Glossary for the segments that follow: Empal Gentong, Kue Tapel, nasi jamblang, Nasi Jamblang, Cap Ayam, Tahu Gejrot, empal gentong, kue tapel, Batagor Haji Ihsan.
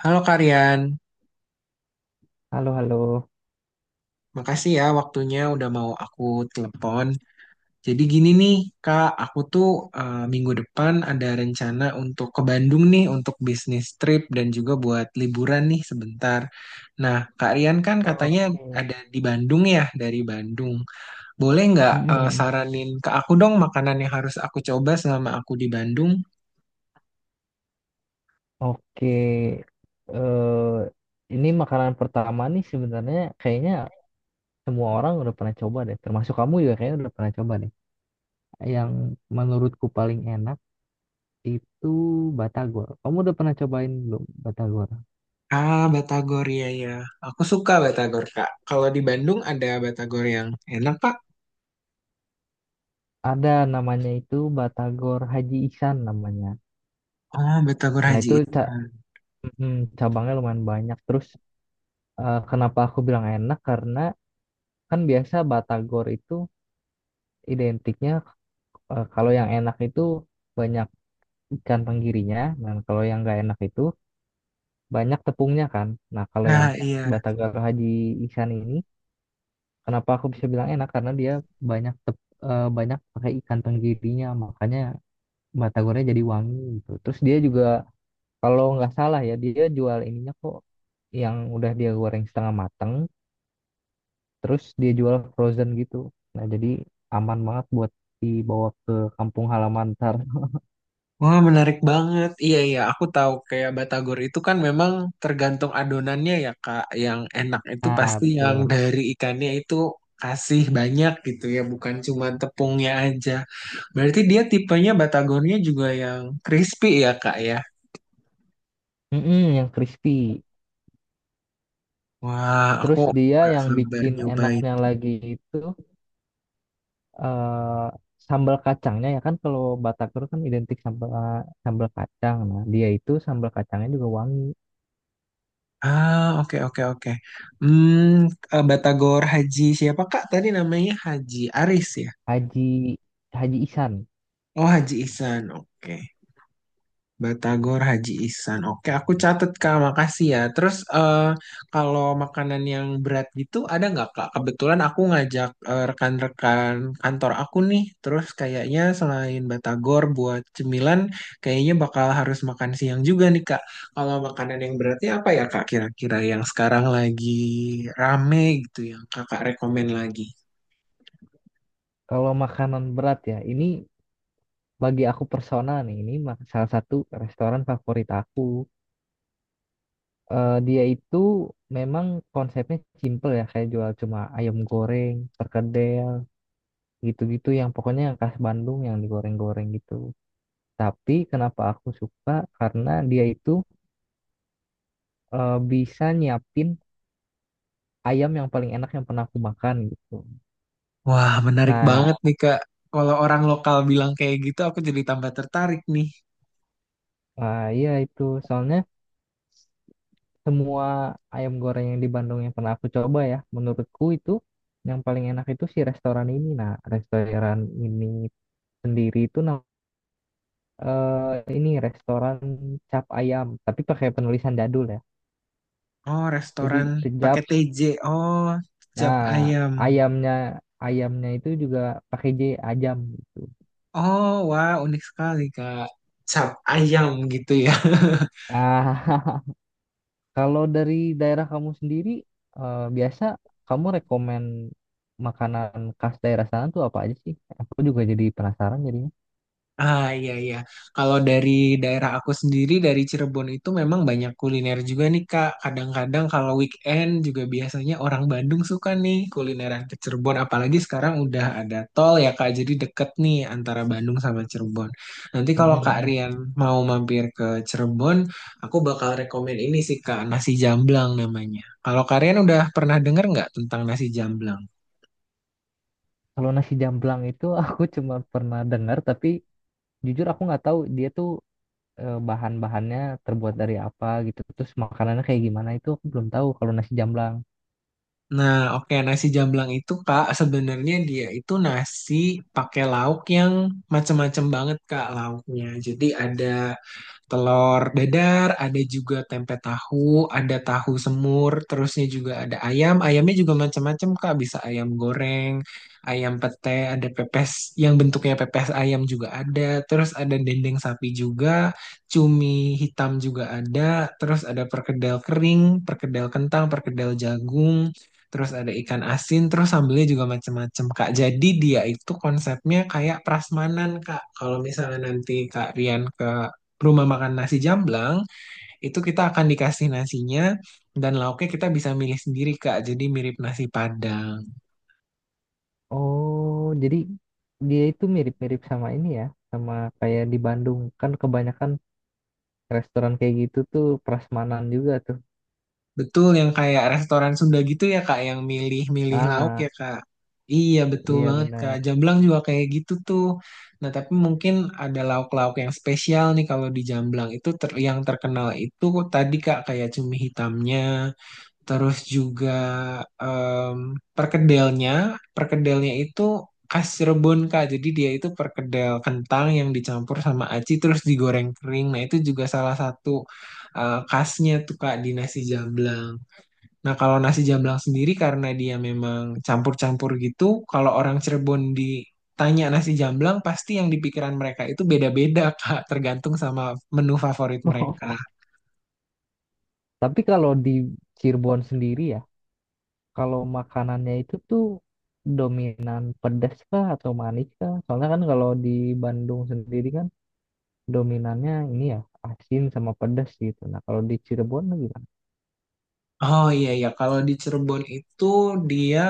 Halo Karian, Halo, halo. makasih ya waktunya udah mau aku telepon. Jadi gini nih Kak, aku tuh minggu depan ada rencana untuk ke Bandung nih untuk bisnis trip dan juga buat liburan nih sebentar. Nah Kak Rian kan katanya Oke. ada di Bandung ya dari Bandung. Boleh nggak Mhm. saranin ke aku dong makanan yang harus aku coba selama aku di Bandung? Oke, eh ini makanan pertama nih sebenarnya kayaknya semua orang udah pernah coba deh, termasuk kamu juga kayaknya udah pernah coba deh. Yang menurutku paling enak itu batagor. Kamu udah pernah cobain belum batagor? Ah, Batagor ya ya. Aku suka Batagor Kak. Kalau di Bandung ada Batagor yang enak Pak. Ada namanya itu batagor Haji Ihsan namanya. Oh, Batagor Nah Haji itu Ihsan. mhm, cabangnya lumayan banyak. Terus kenapa aku bilang enak? Karena kan biasa batagor itu identiknya. Eh, kalau yang enak itu banyak ikan tenggirinya, dan kalau yang nggak enak itu banyak tepungnya kan. Nah, kalau yang Nah, iya. Batagara Haji Ikan ini, kenapa aku bisa bilang enak? Karena dia banyak tep, banyak pakai ikan tenggirinya, makanya batagornya jadi wangi gitu. Terus dia juga kalau nggak salah ya, dia jual ininya kok yang udah dia goreng setengah mateng, terus dia jual frozen gitu. Nah, jadi aman banget buat dibawa ke kampung halaman ntar. Wah, menarik banget. Iya, iya. Aku tahu kayak Batagor itu kan memang tergantung adonannya ya, Kak. Yang enak itu Nah, pasti yang betul. dari ikannya itu kasih banyak gitu ya, bukan cuma tepungnya aja. Berarti dia tipenya Batagornya juga yang crispy ya, Kak ya. Mm-mm, yang crispy. Wah, aku Terus dia nggak yang sabar bikin nyobain. enaknya lagi itu eh sambal kacangnya ya kan kalau Batagor kan identik sama sambal kacang. Nah, dia itu sambal kacangnya juga wangi. Ah, oke, oke, oke. Hmm, Batagor Haji siapa, Kak? Tadi namanya Haji Aris ya? Haji Haji Ihsan. Oh, Haji Ihsan. Oke. Batagor Haji Ihsan. Oke, aku catat Kak. Makasih ya. Terus kalau makanan yang berat gitu ada nggak Kak? Kebetulan aku ngajak rekan-rekan kantor aku nih. Terus kayaknya selain Batagor buat cemilan, kayaknya bakal harus makan siang juga nih Kak. Kalau makanan yang beratnya apa ya Kak? Kira-kira yang sekarang lagi rame gitu yang Kakak rekomen lagi. Kalau makanan berat ya, ini bagi aku personal nih, ini salah satu restoran favorit aku. Dia itu memang konsepnya simple ya, kayak jual cuma ayam goreng, perkedel, gitu-gitu yang pokoknya yang khas Bandung yang digoreng-goreng gitu. Tapi kenapa aku suka? Karena dia itu bisa nyiapin ayam yang paling enak yang pernah aku makan gitu. Wah, menarik Nah, banget nih, Kak. Kalau orang lokal bilang kayak gitu, aku jadi tambah tertarik nih. Iya itu soalnya semua ayam goreng yang di Bandung yang pernah aku coba ya, menurutku itu yang paling enak itu si restoran ini. Nah, restoran ini sendiri itu ini restoran cap ayam, tapi pakai penulisan jadul ya. Oh, restoran Jadi kejap, pakai TJ. Oh, cap nah ayam. ayamnya ayamnya itu juga pakai J ajam. Oh, wah, unik sekali, Kak. Cap ayam gitu ya. Ah, Kalau dari daerah kamu sendiri, biasa kamu rekomen makanan khas daerah sana tuh apa aja sih? Aku juga jadi penasaran jadinya. Ah iya iya. Kalau dari daerah aku sendiri dari Cirebon itu memang banyak kuliner juga nih Kak. Kadang-kadang kalau weekend juga biasanya orang Bandung suka nih kulineran ke Cirebon. Apalagi sekarang udah ada tol ya Kak. Jadi deket nih antara Bandung sama Cirebon. Nanti kalau Kak Mm-mm-mm. Rian mau mampir ke Cirebon, aku bakal rekomen ini sih Kak, nasi jamblang namanya. Kalau Kak Rian udah pernah denger nggak tentang nasi jamblang? Kalau nasi jamblang itu aku cuma pernah dengar, tapi jujur aku nggak tahu dia tuh bahan-bahannya terbuat dari apa gitu. Terus makanannya kayak gimana itu aku belum tahu kalau nasi jamblang. Nah, oke nasi jamblang itu Kak sebenarnya dia itu nasi pakai lauk yang macem-macem banget Kak lauknya. Jadi ada telur dadar, ada juga tempe tahu, ada tahu semur, terusnya juga ada ayam. Ayamnya juga macam-macam, Kak. Bisa ayam goreng, ayam pete, ada pepes yang bentuknya pepes ayam juga ada. Terus ada dendeng sapi juga, cumi hitam juga ada. Terus ada perkedel kering, perkedel kentang, perkedel jagung. Terus ada ikan asin, terus sambelnya juga macam-macam, Kak. Jadi dia itu konsepnya kayak prasmanan, Kak. Kalau misalnya nanti Kak Rian ke rumah makan nasi jamblang, itu kita akan dikasih nasinya dan lauknya kita bisa milih sendiri, Kak. Jadi mirip nasi Padang. Oh, jadi dia itu mirip-mirip sama ini ya, sama kayak di Bandung. Kan kebanyakan restoran kayak gitu tuh prasmanan juga tuh. Betul yang kayak restoran Sunda gitu ya, Kak, yang milih-milih lauk Ah. ya, Kak. Iya, betul Iya banget, Kak. benar. Jamblang juga kayak gitu tuh. Nah, tapi mungkin ada lauk-lauk yang spesial nih kalau di Jamblang itu yang terkenal itu tadi, Kak, kayak cumi hitamnya. Terus juga em, perkedelnya, perkedelnya itu khas Cirebon Kak. Jadi dia itu perkedel kentang yang dicampur sama aci terus digoreng kering. Nah itu juga salah satu khasnya tuh Kak di nasi jamblang. Nah kalau nasi jamblang sendiri karena dia memang campur-campur gitu, kalau orang Cirebon ditanya nasi jamblang pasti yang di pikiran mereka itu beda-beda Kak, tergantung sama menu favorit mereka. Tapi kalau di Cirebon sendiri ya, kalau makanannya itu tuh dominan pedas kah atau manis kah? Soalnya kan kalau di Bandung sendiri kan dominannya ini ya asin sama pedas gitu. Nah kalau di Cirebon gimana? Oh iya iya kalau di Cirebon itu dia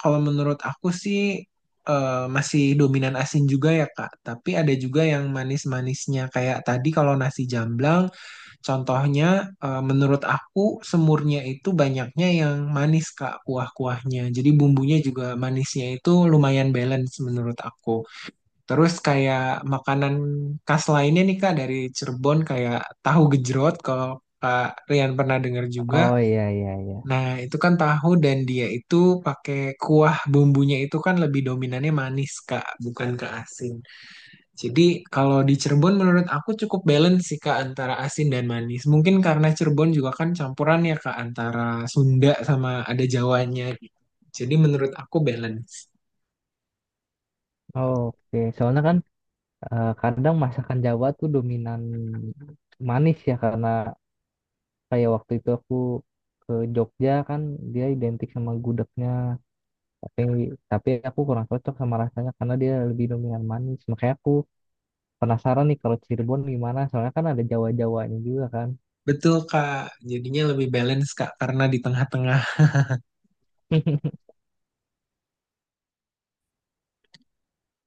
kalau menurut aku sih eh, masih dominan asin juga ya Kak, tapi ada juga yang manis-manisnya kayak tadi kalau nasi jamblang contohnya menurut aku semurnya itu banyaknya yang manis Kak kuah-kuahnya. Jadi bumbunya juga manisnya itu lumayan balance menurut aku. Terus kayak makanan khas lainnya nih Kak dari Cirebon kayak tahu gejrot kalau Kak Rian pernah dengar juga. Oh iya iya iya. Nah, itu kan tahu dan dia itu pakai kuah bumbunya itu kan lebih dominannya manis, Kak, bukan ke asin. Jadi, kalau di Cirebon menurut aku cukup balance sih, Kak, antara asin dan manis. Mungkin karena Cirebon juga kan campuran ya, Kak, antara Sunda sama ada Jawanya. Jadi, menurut aku balance. Oke, soalnya kan kadang masakan Jawa tuh dominan manis ya karena kayak waktu itu aku ke Jogja kan dia identik sama gudegnya. Tapi tapi aku kurang cocok sama rasanya karena dia lebih dominan manis makanya aku penasaran nih kalau Cirebon gimana soalnya kan ada Jawa-Jawanya juga kan. Betul, Kak. Jadinya lebih balance, Kak, karena di tengah-tengah.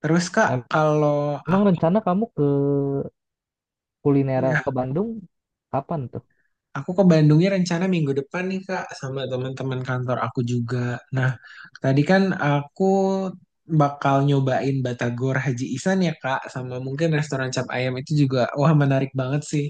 Terus, Kak, Em- kalau Emang rencana kamu ke aku kuliner ya ke Bandung kapan tuh? Aku ke Bandungnya rencana minggu depan nih Kak sama teman-teman kantor aku juga. Nah, tadi kan aku bakal nyobain Batagor Haji Ihsan ya Kak sama mungkin restoran cap ayam itu juga wah menarik banget sih.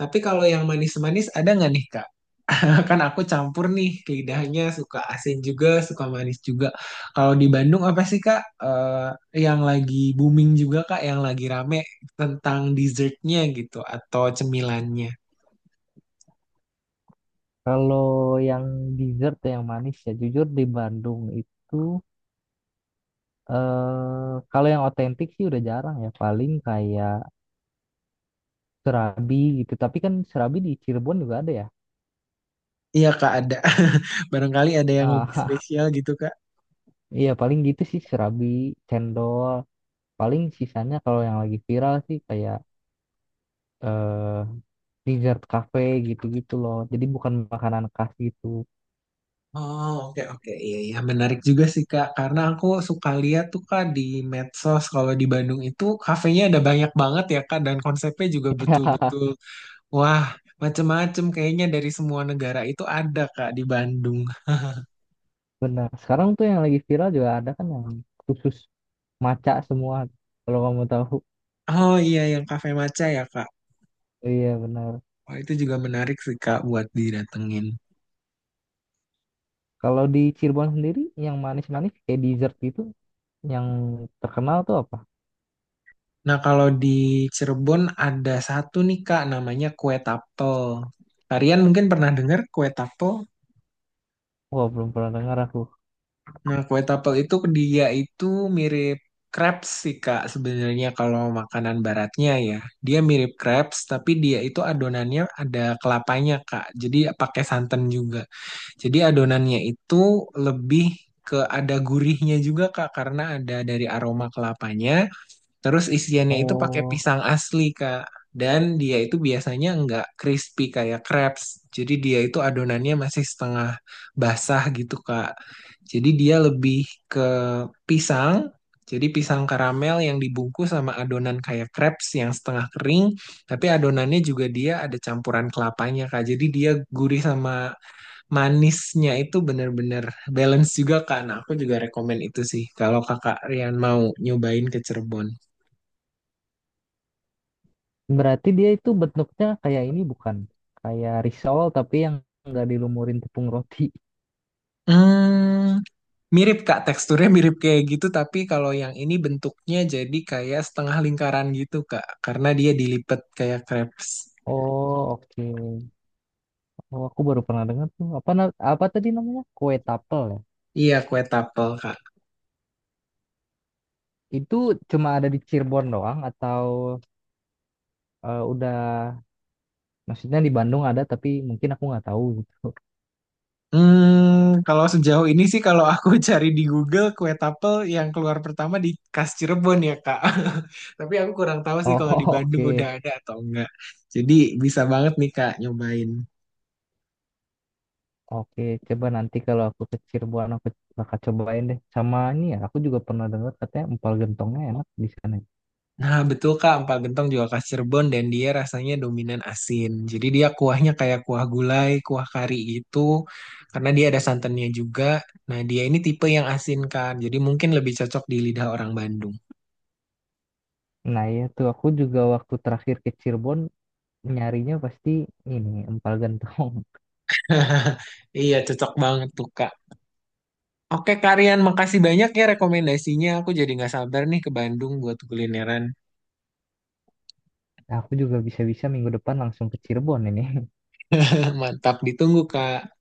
Tapi kalau yang manis-manis ada nggak nih Kak? Nah, kan aku campur nih ke lidahnya suka asin juga, suka manis juga. Kalau di Bandung apa sih Kak yang lagi booming juga Kak, yang lagi rame tentang dessertnya gitu atau cemilannya? Kalau yang dessert yang manis ya jujur di Bandung itu kalau yang otentik sih udah jarang ya paling kayak serabi gitu tapi kan serabi di Cirebon juga ada ya. Iya Kak ada. Barangkali ada yang lebih Ah, spesial gitu Kak. iya paling gitu sih serabi, cendol. Paling sisanya kalau yang lagi viral sih kayak eh dessert cafe gitu-gitu loh. Jadi bukan makanan khas gitu. Oh oke oke iya iya menarik juga sih Kak karena aku suka lihat tuh Kak di medsos kalau di Bandung itu kafenya ada banyak banget ya Kak dan konsepnya juga betul-betul wah macem-macem kayaknya dari semua negara itu ada Kak di Bandung. Benar. Sekarang tuh yang lagi viral juga ada kan yang khusus maca semua. Kalau kamu tahu. Oh iya yang kafe maca ya Kak. Iya benar. Oh itu juga menarik sih Kak buat didatengin. Kalau di Cirebon sendiri yang manis-manis kayak dessert gitu yang terkenal tuh apa? Nah, kalau di Cirebon ada satu nih Kak, namanya kue tapel. Kalian mungkin pernah dengar kue tapel? Wah, belum pernah dengar aku. Nah, kue tapel itu dia itu mirip crepes sih Kak sebenarnya kalau makanan baratnya ya. Dia mirip crepes, tapi dia itu adonannya ada kelapanya Kak. Jadi pakai santan juga. Jadi adonannya itu lebih ke ada gurihnya juga Kak, karena ada dari aroma kelapanya. Terus isiannya itu pakai Oh, pisang asli, Kak. Dan dia itu biasanya nggak crispy kayak crepes. Jadi dia itu adonannya masih setengah basah gitu, Kak. Jadi dia lebih ke pisang. Jadi pisang karamel yang dibungkus sama adonan kayak crepes yang setengah kering. Tapi adonannya juga dia ada campuran kelapanya, Kak. Jadi dia gurih sama manisnya itu bener-bener balance juga, Kak. Nah, aku juga rekomen itu sih. Kalau Kakak Rian mau nyobain ke Cirebon. berarti dia itu bentuknya kayak ini bukan? Kayak risol tapi yang nggak dilumurin tepung roti. Hmm, mirip Kak, teksturnya mirip kayak gitu, tapi kalau yang ini bentuknya jadi kayak setengah lingkaran gitu Kak, karena dia dilipet kayak crepes. Oh, oke. Oh, aku baru pernah dengar tuh. Apa tadi namanya? Kue tapel ya. Iya, kue tapel Kak. Itu cuma ada di Cirebon doang atau udah maksudnya di Bandung ada tapi mungkin aku nggak tahu gitu. Hmm, kalau sejauh ini sih kalau aku cari di Google kue tapel yang keluar pertama di Khas Cirebon ya Kak. Tapi aku kurang tahu sih kalau di Oh, Bandung udah oke. ada atau enggak. Jadi bisa banget nih Kak nyobain. Oke, coba nanti kalau aku ke Cirebon aku bakal cobain deh. Sama ini ya, aku juga pernah dengar katanya empal gentongnya enak di sana. Nah, betul Kak, empal gentong juga khas Cirebon dan dia rasanya dominan asin. Jadi dia kuahnya kayak kuah gulai, kuah kari gitu, karena dia ada santannya juga. Nah, dia ini tipe yang asin kan, jadi mungkin lebih cocok di lidah orang Bandung. Nah, iya tuh aku juga waktu terakhir ke Cirebon nyarinya pasti ini empal gentong. Iya, cocok banget tuh Kak. Oke, Kak Rian, makasih banyak ya rekomendasinya. Aku jadi nggak sabar nih ke Bandung buat kulineran. Aku juga bisa-bisa minggu depan langsung ke Cirebon ini. Mantap, ditunggu Kak.